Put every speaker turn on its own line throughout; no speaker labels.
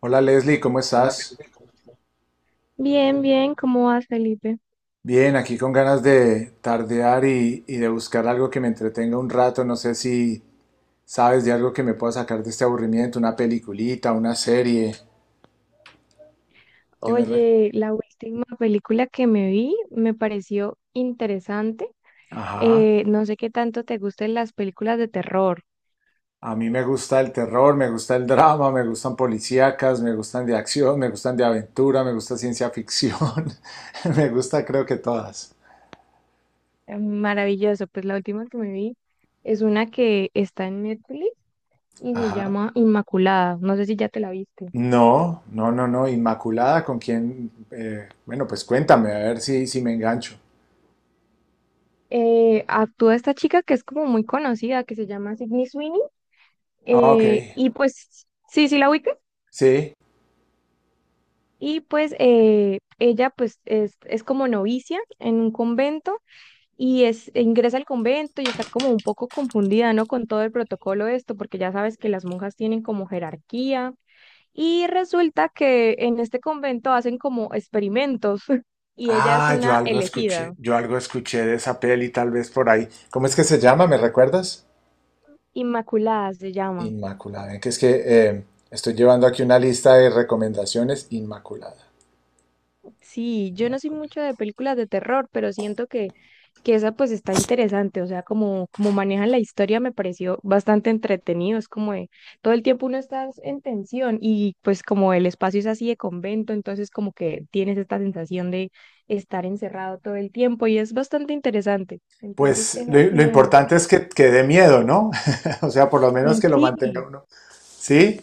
Hola Leslie, ¿cómo estás?
Bien, bien, ¿cómo vas, Felipe?
Bien, aquí con ganas de tardear y de buscar algo que me entretenga un rato. No sé si sabes de algo que me pueda sacar de este aburrimiento, una peliculita, una serie. que me re-
Oye, la última película que me vi me pareció interesante.
Ajá.
No sé qué tanto te gusten las películas de terror.
A mí me gusta el terror, me gusta el drama, me gustan policíacas, me gustan de acción, me gustan de aventura, me gusta ciencia ficción. Me gusta creo que todas.
Maravilloso, pues la última que me vi es una que está en Netflix y se
Ajá.
llama Inmaculada. No sé si ya te la viste.
No, no, no, no. Inmaculada, ¿con quién? Bueno, pues cuéntame, a ver si me engancho.
Actúa esta chica que es como muy conocida, que se llama Sydney Sweeney.
Ah, ok.
Y pues, sí, sí la ubicas.
Sí.
Y pues ella pues es como novicia en un convento y e ingresa al convento y está como un poco confundida, ¿no? Con todo el protocolo de esto, porque ya sabes que las monjas tienen como jerarquía y resulta que en este convento hacen como experimentos y ella es
Ah,
una elegida,
yo algo escuché de esa peli tal vez por ahí. ¿Cómo es que se llama? ¿Me recuerdas?
Inmaculada se llama.
Inmaculada. Que es que eh, estoy llevando aquí una lista de recomendaciones. Inmaculada.
Sí, yo no soy
Inmaculada.
mucho de películas de terror, pero siento que esa pues está interesante, o sea, como, como manejan la historia me pareció bastante entretenido, es como de, todo el tiempo uno está en tensión y pues como el espacio es así de convento, entonces como que tienes esta sensación de estar encerrado todo el tiempo y es bastante interesante. Entonces,
Pues lo,
esa es
lo
una de las
importante es
que...
que dé miedo, ¿no? O sea, por lo menos
Mm,
que lo mantenga
sí.
uno. Sí,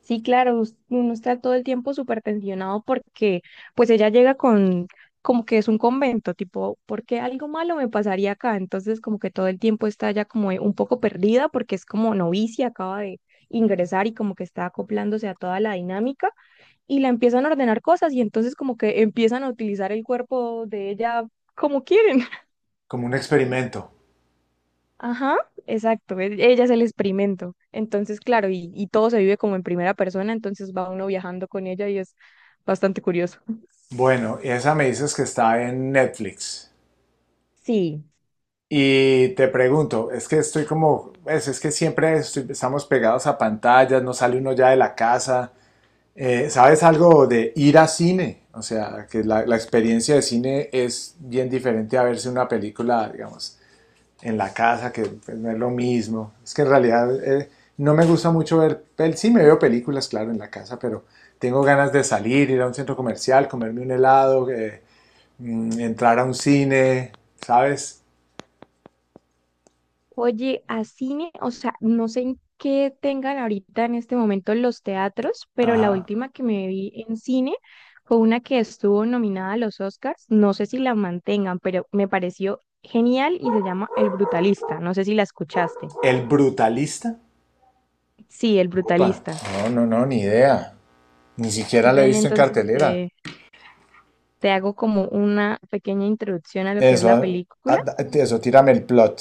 Sí, claro, uno está todo el tiempo súper tensionado porque pues ella llega con como que es un convento, tipo, ¿por qué algo malo me pasaría acá? Entonces como que todo el tiempo está ya como un poco perdida porque es como novicia, acaba de ingresar y como que está acoplándose a toda la dinámica y la empiezan a ordenar cosas y entonces como que empiezan a utilizar el cuerpo de ella como quieren.
como un experimento.
Ajá, exacto, ella es el experimento. Entonces, claro, y todo se vive como en primera persona, entonces va uno viajando con ella y es bastante curioso.
Bueno, y esa me dices que está en Netflix. Y te pregunto, es que estoy como, es que estamos pegados a pantallas, no sale uno ya de la casa. ¿Sabes algo de ir a cine? O sea, que la experiencia de cine es bien diferente a verse una película, digamos, en la casa, que pues, no es lo mismo. Es que en realidad no me gusta mucho ver, pel sí me veo películas, claro, en la casa, pero tengo ganas de salir, ir a un centro comercial, comerme un helado, entrar a un cine, ¿sabes?
Oye, a cine, o sea, no sé en qué tengan ahorita en este momento los teatros, pero la
Ajá.
última que me vi en cine fue una que estuvo nominada a los Oscars, no sé si la mantengan, pero me pareció genial y se llama El Brutalista, no sé si la escuchaste.
¿El brutalista?
Sí, El
Opa,
Brutalista.
no, no, no, ni idea. Ni siquiera la he
Ven,
visto en
entonces,
cartelera.
te hago como una pequeña introducción a lo que es
Eso,
la película.
eso, tírame el plot.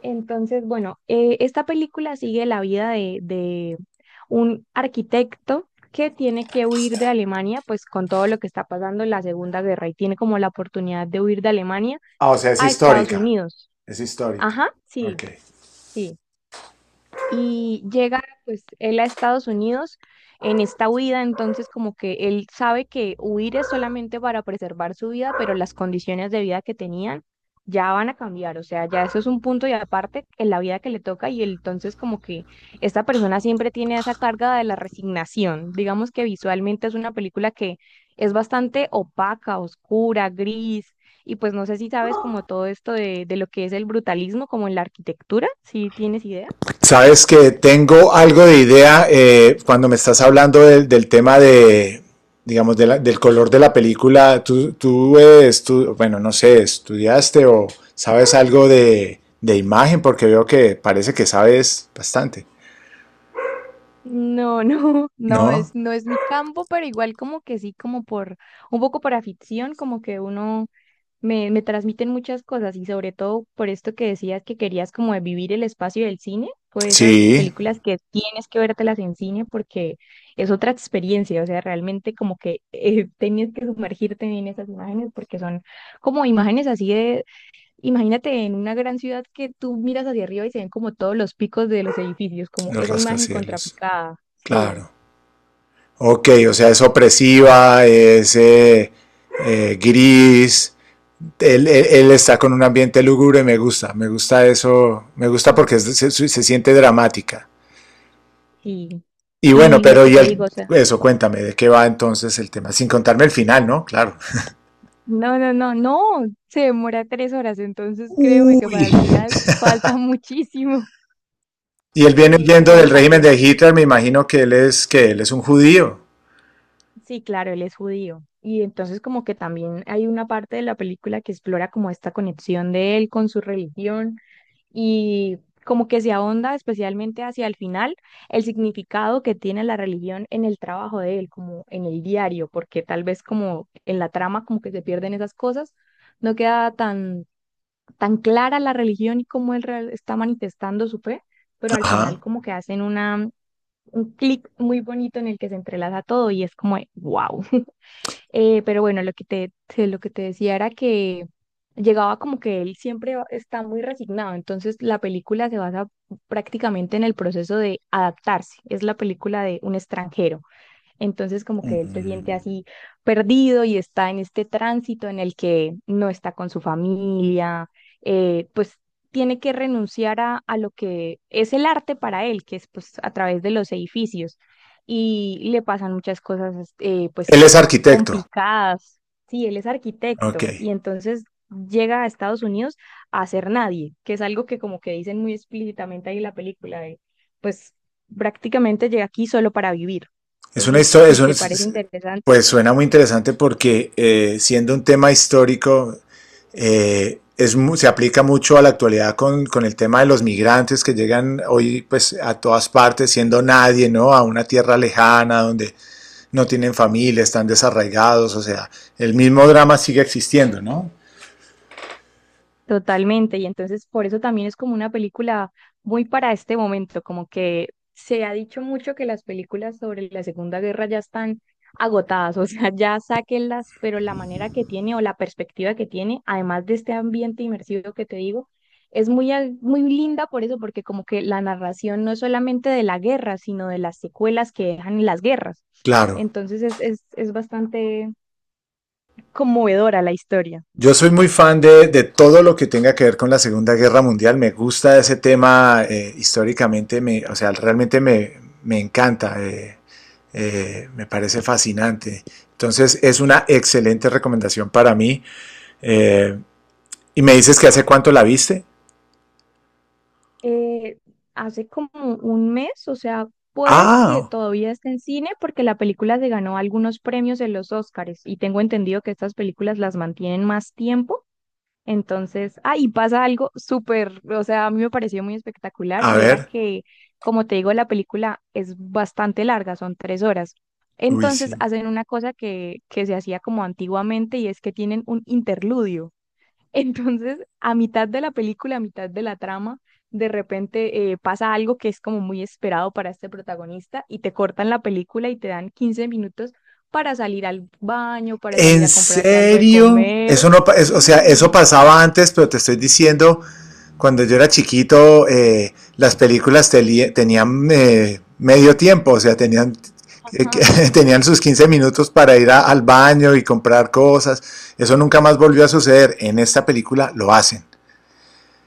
Entonces, bueno, esta película sigue la vida de un arquitecto que tiene que huir de Alemania, pues con todo lo que está pasando en la Segunda Guerra y tiene como la oportunidad de huir de Alemania
Ah, o sea, es
a Estados
histórica.
Unidos.
Es histórica.
Ajá, sí,
Ok.
sí. Y llega pues él a Estados Unidos en esta huida, entonces como que él sabe que huir es solamente para preservar su vida, pero las condiciones de vida que tenían ya van a cambiar, o sea, ya eso es un punto y aparte en la vida que le toca y él, entonces como que esta persona siempre tiene esa carga de la resignación, digamos que visualmente es una película que es bastante opaca, oscura, gris. Y pues no sé si sabes como todo esto de lo que es el brutalismo, como en la arquitectura, si tienes idea.
Sabes que tengo algo de idea. Cuando me estás hablando del tema de, digamos, del color de la película. Tú, bueno, no sé, ¿estudiaste o sabes algo de imagen? Porque veo que parece que sabes bastante.
No, no, no
¿No?
no es mi campo, pero igual como que sí, como un poco por afición, como que uno me transmiten muchas cosas y sobre todo por esto que decías que querías como de vivir el espacio del cine, pues esas
Sí,
películas que tienes que vértelas en cine porque es otra experiencia, o sea, realmente como que tenías que sumergirte en esas imágenes porque son como imágenes así de, imagínate en una gran ciudad que tú miras hacia arriba y se ven como todos los picos de los edificios, como
los
esa imagen
rascacielos.
contrapicada.
Claro. Ok, o sea, es opresiva, es gris. Él está con un ambiente lúgubre, me gusta eso, me gusta porque se, se siente dramática.
Sí.
Y bueno,
Y lo
pero
que
y
te
el,
digo, o sea,
eso, cuéntame, ¿de qué va entonces el tema? Sin contarme el final, ¿no? Claro.
no, no, no, no, se demora tres horas, entonces créeme que
Uy.
para el final falta muchísimo,
Y él viene
pero
huyendo del
vale la
régimen de
pena.
Hitler, me imagino que él es un judío.
Sí, claro, él es judío. Y entonces como que también hay una parte de la película que explora como esta conexión de él con su religión y como que se ahonda especialmente hacia el final el significado que tiene la religión en el trabajo de él, como en el diario, porque tal vez como en la trama como que se pierden esas cosas, no queda tan, tan clara la religión y cómo él está manifestando su fe, pero al final
Ajá.
como que hacen una, un clic muy bonito en el que se entrelaza todo y es como, wow. Pero bueno, lo que lo que te decía era que llegaba como que él siempre está muy resignado, entonces la película se basa prácticamente en el proceso de adaptarse, es la película de un extranjero. Entonces como que él se siente
Mm.
así perdido y está en este tránsito en el que no está con su familia, pues tiene que renunciar a lo que es el arte para él, que es pues a través de los edificios. Y le pasan muchas cosas
Él
pues
es arquitecto.
complicadas. Sí, él es
Ok.
arquitecto y entonces llega a Estados Unidos a ser nadie, que es algo que como que dicen muy explícitamente ahí en la película, de, pues prácticamente llega aquí solo para vivir.
Es una
Entonces,
historia, es
si te parece
un-
interesante,
Pues suena muy interesante porque siendo un tema histórico, se aplica mucho a la actualidad con el tema de los migrantes que llegan hoy pues a todas partes siendo nadie, ¿no? A una tierra lejana donde no tienen familia, están desarraigados, o sea, el mismo drama sigue existiendo, ¿no?
totalmente. Y entonces, por eso también es como una película muy para este momento, como que se ha dicho mucho que las películas sobre la Segunda Guerra ya están agotadas, o sea, ya sáquenlas, pero la manera que tiene o la perspectiva que tiene, además de este ambiente inmersivo que te digo, es muy, muy linda por eso, porque como que la narración no es solamente de la guerra, sino de las secuelas que dejan las guerras.
Claro.
Entonces, es bastante conmovedora la historia.
Yo soy muy fan de todo lo que tenga que ver con la Segunda Guerra Mundial. Me gusta ese tema históricamente, me, o sea, realmente me, me encanta, me parece fascinante. Entonces es una excelente recomendación para mí. Eh, y me dices que hace cuánto la viste.
eh, Hace como un mes, o sea, puede que
Ah,
todavía esté en cine porque la película se ganó algunos premios en los Oscars y tengo entendido que estas películas las mantienen más tiempo. Entonces, ah, y pasa algo súper, o sea, a mí me pareció muy espectacular
a
y era
ver.
que, como te digo, la película es bastante larga, son 3 horas.
Uy,
Entonces
sí.
hacen una cosa que se hacía como antiguamente y es que tienen un interludio. Entonces, a mitad de la película, a mitad de la trama, de repente pasa algo que es como muy esperado para este protagonista y te cortan la película y te dan 15 minutos para salir al baño, para salir
¿En
a comprarte algo de
serio?
comer.
Eso no, pa- es- O sea, eso
Sí.
pasaba antes, pero te estoy diciendo, cuando yo era chiquito, las películas te, tenían medio tiempo, o sea, tenían, eh, tenían sus 15 minutos para ir a, al baño y comprar cosas. Eso nunca más volvió a suceder. En esta película lo hacen.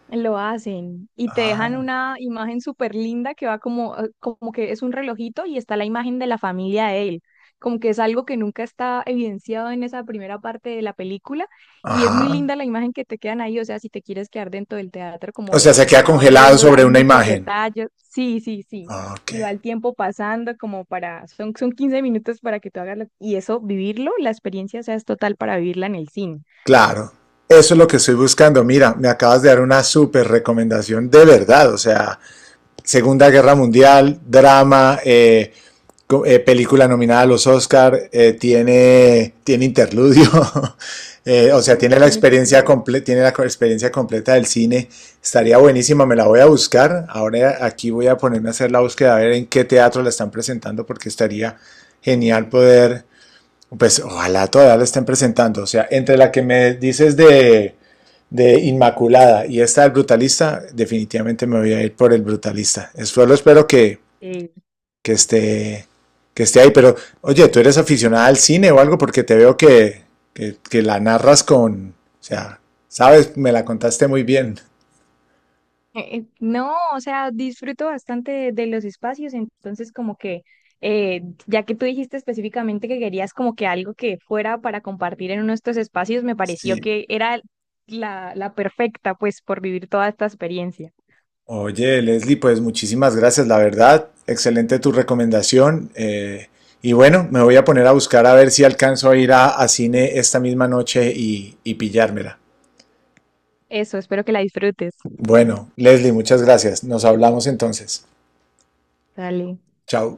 Lo hacen y te dejan
Ah.
una imagen súper linda que va como, como que es un relojito y está la imagen de la familia de él, como que es algo que nunca está evidenciado en esa primera parte de la película y es muy
Ajá.
linda la imagen que te quedan ahí, o sea, si te quieres quedar dentro del teatro como
O sea,
de
se queda
sentado
congelado
viéndola,
sobre
hay
una
muchos
imagen.
detalles, sí, sí, sí,
Ah, ok,
y va el tiempo pasando como para, son 15 minutos para que tú hagas y eso, vivirlo, la experiencia, o sea, es total para vivirla en el cine,
claro. Eso es lo que estoy buscando. Mira, me acabas de dar una súper recomendación de verdad. O sea, Segunda Guerra Mundial, drama, película nominada a los Oscar, tiene, tiene interludio, o sea, tiene la,
tiene
experiencia
todo.
comple tiene la experiencia completa del cine, estaría buenísima, me la voy a buscar. Ahora aquí voy a ponerme a hacer la búsqueda, a ver en qué teatro la están presentando, porque estaría genial poder, pues ojalá todavía la estén presentando. O sea, entre la que me dices de Inmaculada y esta del Brutalista, definitivamente me voy a ir por el Brutalista. Solo espero que que esté, que esté ahí. Pero, oye, ¿tú eres aficionada al cine o algo? Porque te veo que la narras con, o sea, sabes, me la contaste muy bien.
No, o sea, disfruto bastante de los espacios, entonces como que, ya que tú dijiste específicamente que querías como que algo que fuera para compartir en uno de estos espacios, me pareció
Sí,
que era la perfecta, pues, por vivir toda esta experiencia.
oye, Leslie, pues muchísimas gracias, la verdad. Excelente tu recomendación. Y bueno, me voy a poner a buscar a ver si alcanzo a ir a cine esta misma noche y pillármela.
Eso, espero que la disfrutes.
Bueno, Leslie, muchas gracias. Nos hablamos entonces.
Dale.
Chao.